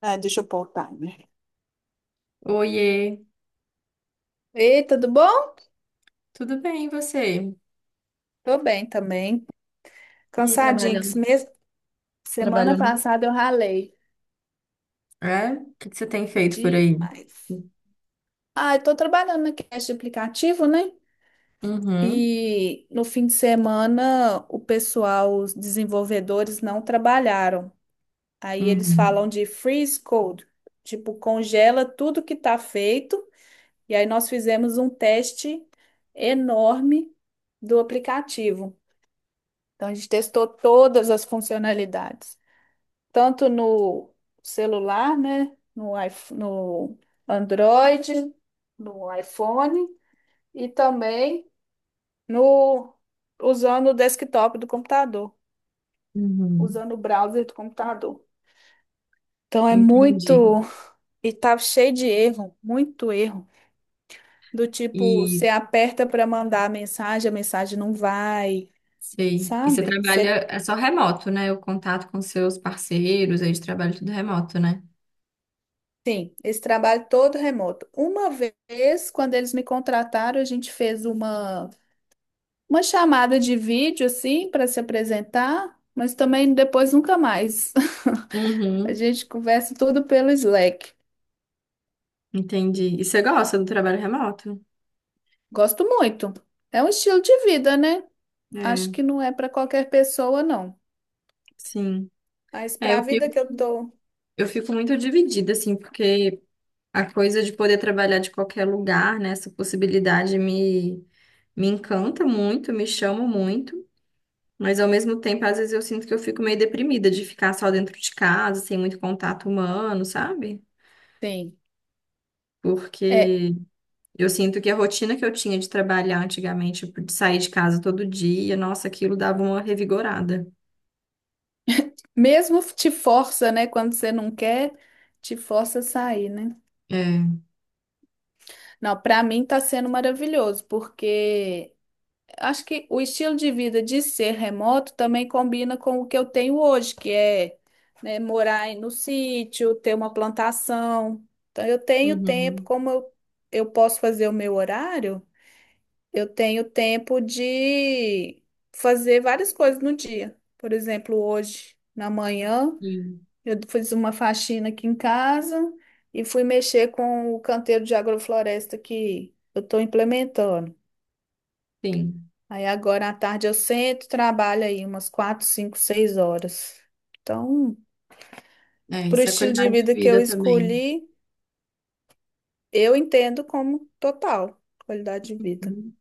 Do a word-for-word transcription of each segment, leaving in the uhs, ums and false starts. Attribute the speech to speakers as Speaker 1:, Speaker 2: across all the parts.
Speaker 1: Ah, deixa eu pôr o timer.
Speaker 2: Oiê,
Speaker 1: Ei, tudo bom?
Speaker 2: tudo bem, e você?
Speaker 1: Tô bem também.
Speaker 2: E aí,
Speaker 1: Cansadinho, que esse
Speaker 2: trabalhando,
Speaker 1: mês, semana
Speaker 2: trabalhando.
Speaker 1: passada eu ralei
Speaker 2: É? O que que você tem feito por aí?
Speaker 1: demais. Ah, eu tô trabalhando na creche de aplicativo, né?
Speaker 2: Uhum,
Speaker 1: E no fim de semana o pessoal, os desenvolvedores não trabalharam. Aí eles falam
Speaker 2: uhum,
Speaker 1: de freeze code, tipo, congela tudo que tá feito. E aí nós fizemos um teste enorme do aplicativo. Então, a gente testou todas as funcionalidades, tanto no celular, né, no iPh- no Android, no iPhone e também no usando o desktop do computador,
Speaker 2: uhum.
Speaker 1: usando o browser do computador. Então é
Speaker 2: Entendi.
Speaker 1: muito e tá cheio de erro, muito erro, do tipo
Speaker 2: E
Speaker 1: você aperta para mandar a mensagem, a mensagem não vai,
Speaker 2: sei. E você
Speaker 1: sabe? Você
Speaker 2: trabalha é só remoto, né? O contato com seus parceiros aí de trabalho tudo remoto, né?
Speaker 1: Sim, esse trabalho todo remoto. Uma vez, quando eles me contrataram, a gente fez uma, uma chamada de vídeo, assim, para se apresentar, mas também depois nunca mais. A
Speaker 2: Uhum,
Speaker 1: gente conversa tudo pelo Slack.
Speaker 2: entendi. E você gosta do trabalho remoto?
Speaker 1: Gosto muito. É um estilo de vida, né? Acho
Speaker 2: É,
Speaker 1: que não é para qualquer pessoa, não.
Speaker 2: sim.
Speaker 1: Mas
Speaker 2: É,
Speaker 1: para a
Speaker 2: eu
Speaker 1: vida
Speaker 2: fico,
Speaker 1: que eu tô.
Speaker 2: eu fico muito dividida, assim, porque a coisa de poder trabalhar de qualquer lugar, né? Essa possibilidade me, me encanta muito, me chama muito, mas ao mesmo tempo, às vezes eu sinto que eu fico meio deprimida de ficar só dentro de casa, sem muito contato humano, sabe?
Speaker 1: Sim. É,
Speaker 2: Porque eu sinto que a rotina que eu tinha de trabalhar antigamente, tipo, de sair de casa todo dia, nossa, aquilo dava uma revigorada.
Speaker 1: mesmo te força, né? Quando você não quer, te força a sair, né?
Speaker 2: É.
Speaker 1: Não, para mim tá sendo maravilhoso, porque. Acho que o estilo de vida de ser remoto também combina com o que eu tenho hoje, que é, né, morar em- no sítio, ter uma plantação. Então, eu tenho tempo,
Speaker 2: Uhum.
Speaker 1: como eu, eu posso fazer o meu horário, eu tenho tempo de fazer várias coisas no dia. Por exemplo, hoje, na manhã,
Speaker 2: Sim,
Speaker 1: eu fiz uma faxina aqui em casa e fui mexer com o canteiro de agrofloresta que eu estou implementando.
Speaker 2: sim.
Speaker 1: Aí agora à tarde eu sento, trabalho aí umas quatro, cinco, seis horas. Então,
Speaker 2: É,
Speaker 1: pro
Speaker 2: isso é
Speaker 1: estilo de
Speaker 2: qualidade de
Speaker 1: vida que eu
Speaker 2: vida também.
Speaker 1: escolhi, eu entendo como total qualidade de vida,
Speaker 2: Uhum.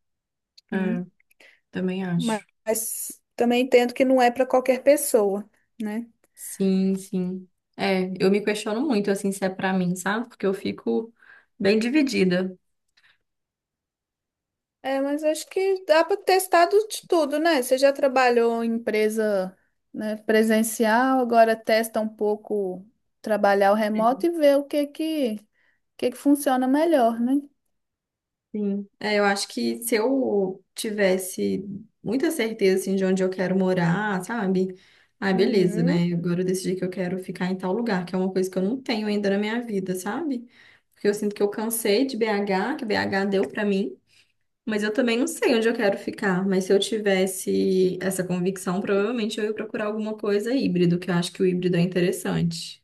Speaker 2: É,
Speaker 1: né?
Speaker 2: também
Speaker 1: Mas,
Speaker 2: acho.
Speaker 1: mas também entendo que não é para qualquer pessoa, né?
Speaker 2: Sim, sim. É, eu me questiono muito, assim, se é pra mim, sabe? Porque eu fico bem dividida.
Speaker 1: É, mas acho que dá para testar do- de tudo, né? Você já trabalhou em empresa, né, presencial, agora testa um pouco trabalhar o remoto e ver o que que, o que que funciona melhor, né?
Speaker 2: Sim. É, eu acho que se eu tivesse muita certeza, assim, de onde eu quero morar, sabe? Ah, beleza,
Speaker 1: Uhum.
Speaker 2: né? Agora eu decidi que eu quero ficar em tal lugar, que é uma coisa que eu não tenho ainda na minha vida, sabe? Porque eu sinto que eu cansei de B agá, que B agá deu pra mim. Mas eu também não sei onde eu quero ficar. Mas se eu tivesse essa convicção, provavelmente eu ia procurar alguma coisa híbrido, que eu acho que o híbrido é interessante.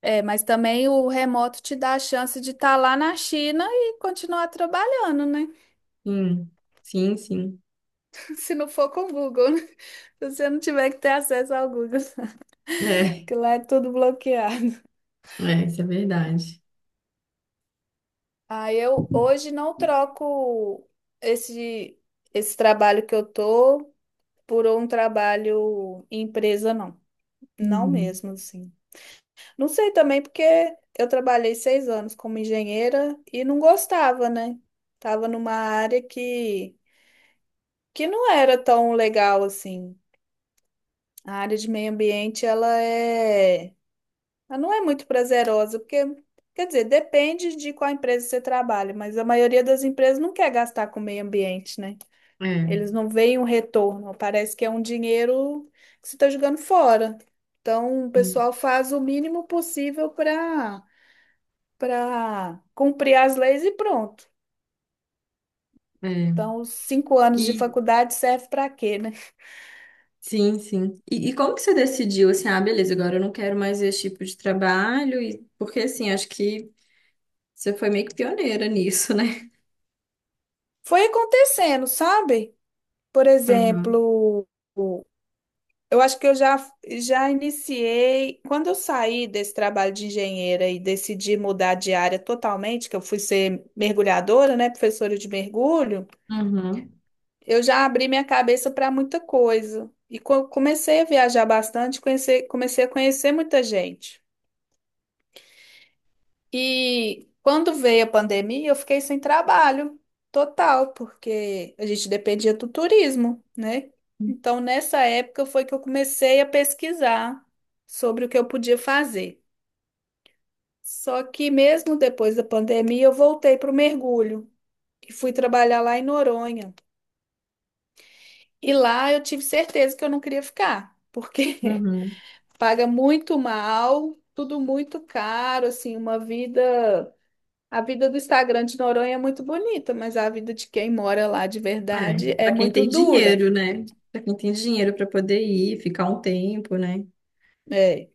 Speaker 1: É, mas também o remoto te dá a chance de estar lá na China e continuar trabalhando, né?
Speaker 2: Sim, sim, sim.
Speaker 1: Se não for com o Google, né? Se você não tiver que ter acesso ao Google,
Speaker 2: É,
Speaker 1: que lá é tudo bloqueado.
Speaker 2: é, isso é verdade.
Speaker 1: Ah, eu hoje não troco esse, esse trabalho que eu tô por um trabalho em empresa, não. Não
Speaker 2: Uhum.
Speaker 1: mesmo, assim. Não sei também porque eu trabalhei seis anos como engenheira e não gostava, né? Tava numa área que que não era tão legal assim. A área de meio ambiente, ela é, ela não é muito prazerosa, porque, quer dizer, depende de qual empresa você trabalha, mas a maioria das empresas não quer gastar com o meio ambiente, né?
Speaker 2: É,
Speaker 1: Eles não veem um retorno, parece que é um dinheiro que você está jogando fora. Então, o
Speaker 2: hum,
Speaker 1: pessoal faz o mínimo possível para para cumprir as leis e pronto.
Speaker 2: é.
Speaker 1: Então, os cinco anos de
Speaker 2: E
Speaker 1: faculdade serve para quê, né?
Speaker 2: sim, sim. E, e como que você decidiu assim, ah, beleza, agora eu não quero mais esse tipo de trabalho? E, porque assim, acho que você foi meio que pioneira nisso, né?
Speaker 1: Foi acontecendo, sabe? Por
Speaker 2: Uhum.
Speaker 1: exemplo, eu acho que eu já, já iniciei. Quando eu saí desse trabalho de engenheira e decidi mudar de área totalmente, que eu fui ser mergulhadora, né, professora de mergulho,
Speaker 2: Uhum.
Speaker 1: eu já abri minha cabeça para muita coisa. E co- comecei a viajar bastante, conhecer, comecei a conhecer muita gente. E quando veio a pandemia, eu fiquei sem trabalho total, porque a gente dependia do turismo, né? Então, nessa época foi que eu comecei a pesquisar sobre o que eu podia fazer. Só que mesmo depois da pandemia, eu voltei para o mergulho e fui trabalhar lá em Noronha. E lá eu tive certeza que eu não queria ficar, porque
Speaker 2: Uhum.
Speaker 1: paga muito mal, tudo muito caro, assim, uma vida A vida do Instagram de Noronha é muito bonita, mas a vida de quem mora lá de
Speaker 2: É,
Speaker 1: verdade é
Speaker 2: para quem
Speaker 1: muito
Speaker 2: tem
Speaker 1: dura.
Speaker 2: dinheiro, né? Para quem tem dinheiro para poder ir, ficar um tempo, né?
Speaker 1: É.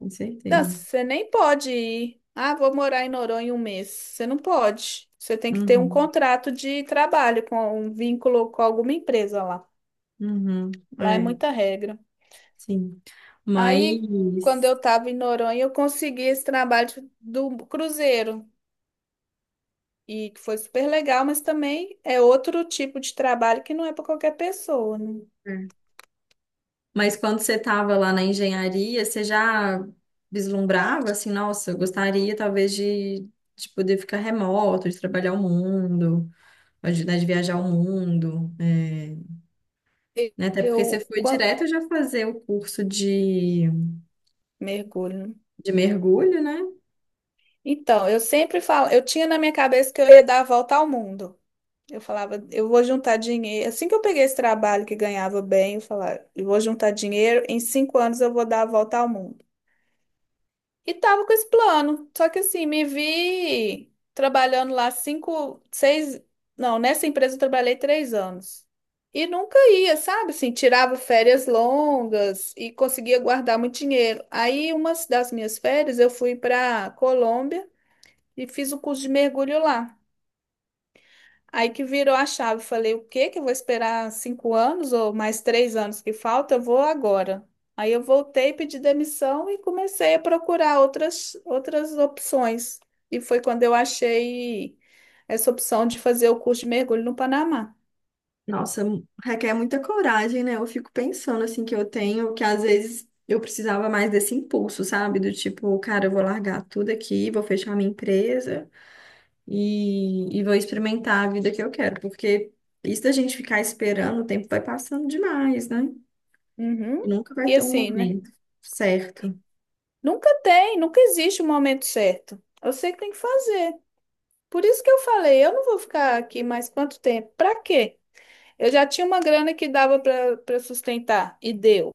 Speaker 2: Com
Speaker 1: Não,
Speaker 2: certeza.
Speaker 1: você nem pode ir. Ah, vou morar em Noronha um mês. Você não pode. Você tem que ter um
Speaker 2: Uhum,
Speaker 1: contrato de trabalho, com um vínculo com alguma empresa lá.
Speaker 2: uhum,
Speaker 1: Lá é
Speaker 2: é,
Speaker 1: muita regra.
Speaker 2: sim.
Speaker 1: Aí, quando
Speaker 2: Mas,
Speaker 1: eu estava em Noronha, eu consegui esse trabalho de- do cruzeiro. E que foi super legal, mas também é outro tipo de trabalho que não é para qualquer pessoa, né?
Speaker 2: é, mas quando você estava lá na engenharia, você já vislumbrava assim, nossa, eu gostaria talvez de, de poder ficar remoto, de trabalhar o mundo, de, né, de viajar o mundo, é,
Speaker 1: E-
Speaker 2: né? Até
Speaker 1: Eu,
Speaker 2: porque você foi
Speaker 1: quan-
Speaker 2: direto já fazer o curso de,
Speaker 1: Mergulho.
Speaker 2: de mergulho, né?
Speaker 1: Então, eu sempre falo, eu tinha na minha cabeça que eu ia dar a volta ao mundo. Eu falava, eu vou juntar dinheiro. Assim que eu peguei esse trabalho que ganhava bem, eu falava, eu vou juntar dinheiro, em cinco anos eu vou dar a volta ao mundo. E tava com esse plano. Só que assim, me vi trabalhando lá cinco, seis. Não, nessa empresa eu trabalhei três anos. E nunca ia, sabe? Assim, tirava férias longas e conseguia guardar muito dinheiro. Aí, uma das minhas férias, eu fui para Colômbia. E fiz o curso de mergulho lá. Aí que virou a chave. Falei, o quê? Que eu vou esperar cinco anos ou mais três anos que falta? Eu vou agora. Aí eu voltei, pedi demissão e comecei a procurar outras, outras opções. E foi quando eu achei essa opção de fazer o curso de mergulho no Panamá.
Speaker 2: Nossa, mu- requer muita coragem, né? Eu fico pensando assim que eu tenho, que às vezes eu precisava mais desse impulso, sabe? Do tipo, cara, eu vou largar tudo aqui, vou fechar minha empresa e, e vou experimentar a vida que eu quero, porque isso da gente ficar esperando, o tempo vai passando demais, né? E
Speaker 1: Uhum.
Speaker 2: nunca vai
Speaker 1: E
Speaker 2: ter um
Speaker 1: assim, né?
Speaker 2: momento certo.
Speaker 1: Nunca tem, nunca existe um momento certo. Eu sei que tem que fazer. Por isso que eu falei, eu não vou ficar aqui mais quanto tempo? Pra quê? Eu já tinha uma grana que dava para sustentar e deu.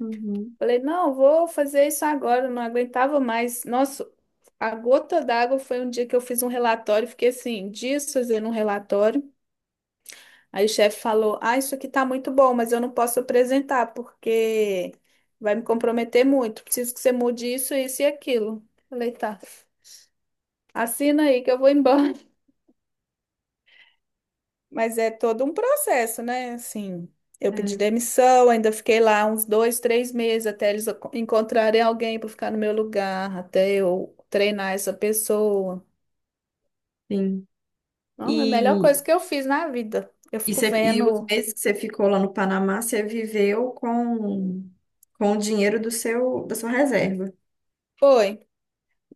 Speaker 2: Uhum.
Speaker 1: Falei, não, vou fazer isso agora, não aguentava mais. Nossa, a gota d'água foi um dia que eu fiz um relatório, fiquei assim, dias fazendo um relatório. Aí o chefe falou: Ah, isso aqui tá muito bom, mas eu não posso apresentar porque vai me comprometer muito. Preciso que você mude isso, isso e aquilo. Falei, tá, assina aí que eu vou embora. Mas é todo um processo, né? Assim, eu pedi
Speaker 2: É,
Speaker 1: demissão, ainda fiquei lá uns dois, três meses até eles aco- encontrarem alguém para ficar no meu lugar, até eu treinar essa pessoa.
Speaker 2: sim.
Speaker 1: Não, é a melhor
Speaker 2: E,
Speaker 1: coisa que eu fiz na vida. Eu
Speaker 2: e,
Speaker 1: fico
Speaker 2: você- e os
Speaker 1: vendo.
Speaker 2: meses que você ficou lá no Panamá, você viveu com, com o dinheiro do seu, da sua reserva.
Speaker 1: Foi.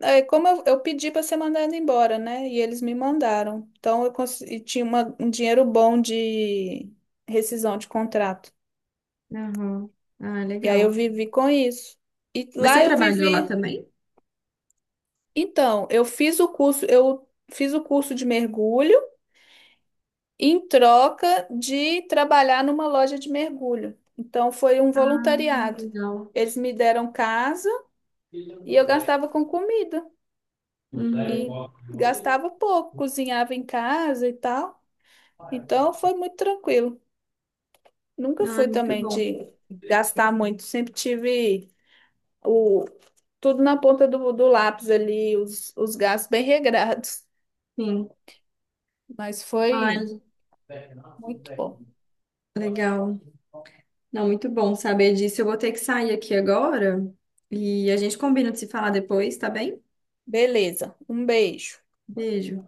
Speaker 1: É, como eu, eu pedi para ser mandada embora, né? E eles me mandaram. Então eu cons- e tinha uma- um dinheiro bom de rescisão de contrato.
Speaker 2: Aham. Ah,
Speaker 1: E aí eu
Speaker 2: legal.
Speaker 1: vivi com isso. E
Speaker 2: Mas você
Speaker 1: lá eu
Speaker 2: trabalhou lá
Speaker 1: vivi.
Speaker 2: também?
Speaker 1: Então, eu fiz o curso, eu fiz o curso de mergulho em troca de trabalhar numa loja de mergulho. Então, foi um
Speaker 2: Hum,
Speaker 1: voluntariado.
Speaker 2: Legal.
Speaker 1: Eles me deram casa e eu gastava com comida. E
Speaker 2: Uhum.
Speaker 1: gastava pouco, cozinhava em casa e tal. Então, foi muito tranquilo. Nunca
Speaker 2: Ah,
Speaker 1: fui
Speaker 2: muito
Speaker 1: também
Speaker 2: bom.
Speaker 1: de gastar muito. Sempre tive o, tudo na ponta do, do lápis ali, os, os gastos bem regrados.
Speaker 2: Sim.
Speaker 1: Mas foi
Speaker 2: Ai,
Speaker 1: muito bom.
Speaker 2: legal. Não, muito bom saber disso. Eu vou ter que sair aqui agora e a gente combina de se falar depois, tá bem?
Speaker 1: Beleza. Um beijo.
Speaker 2: Beijo.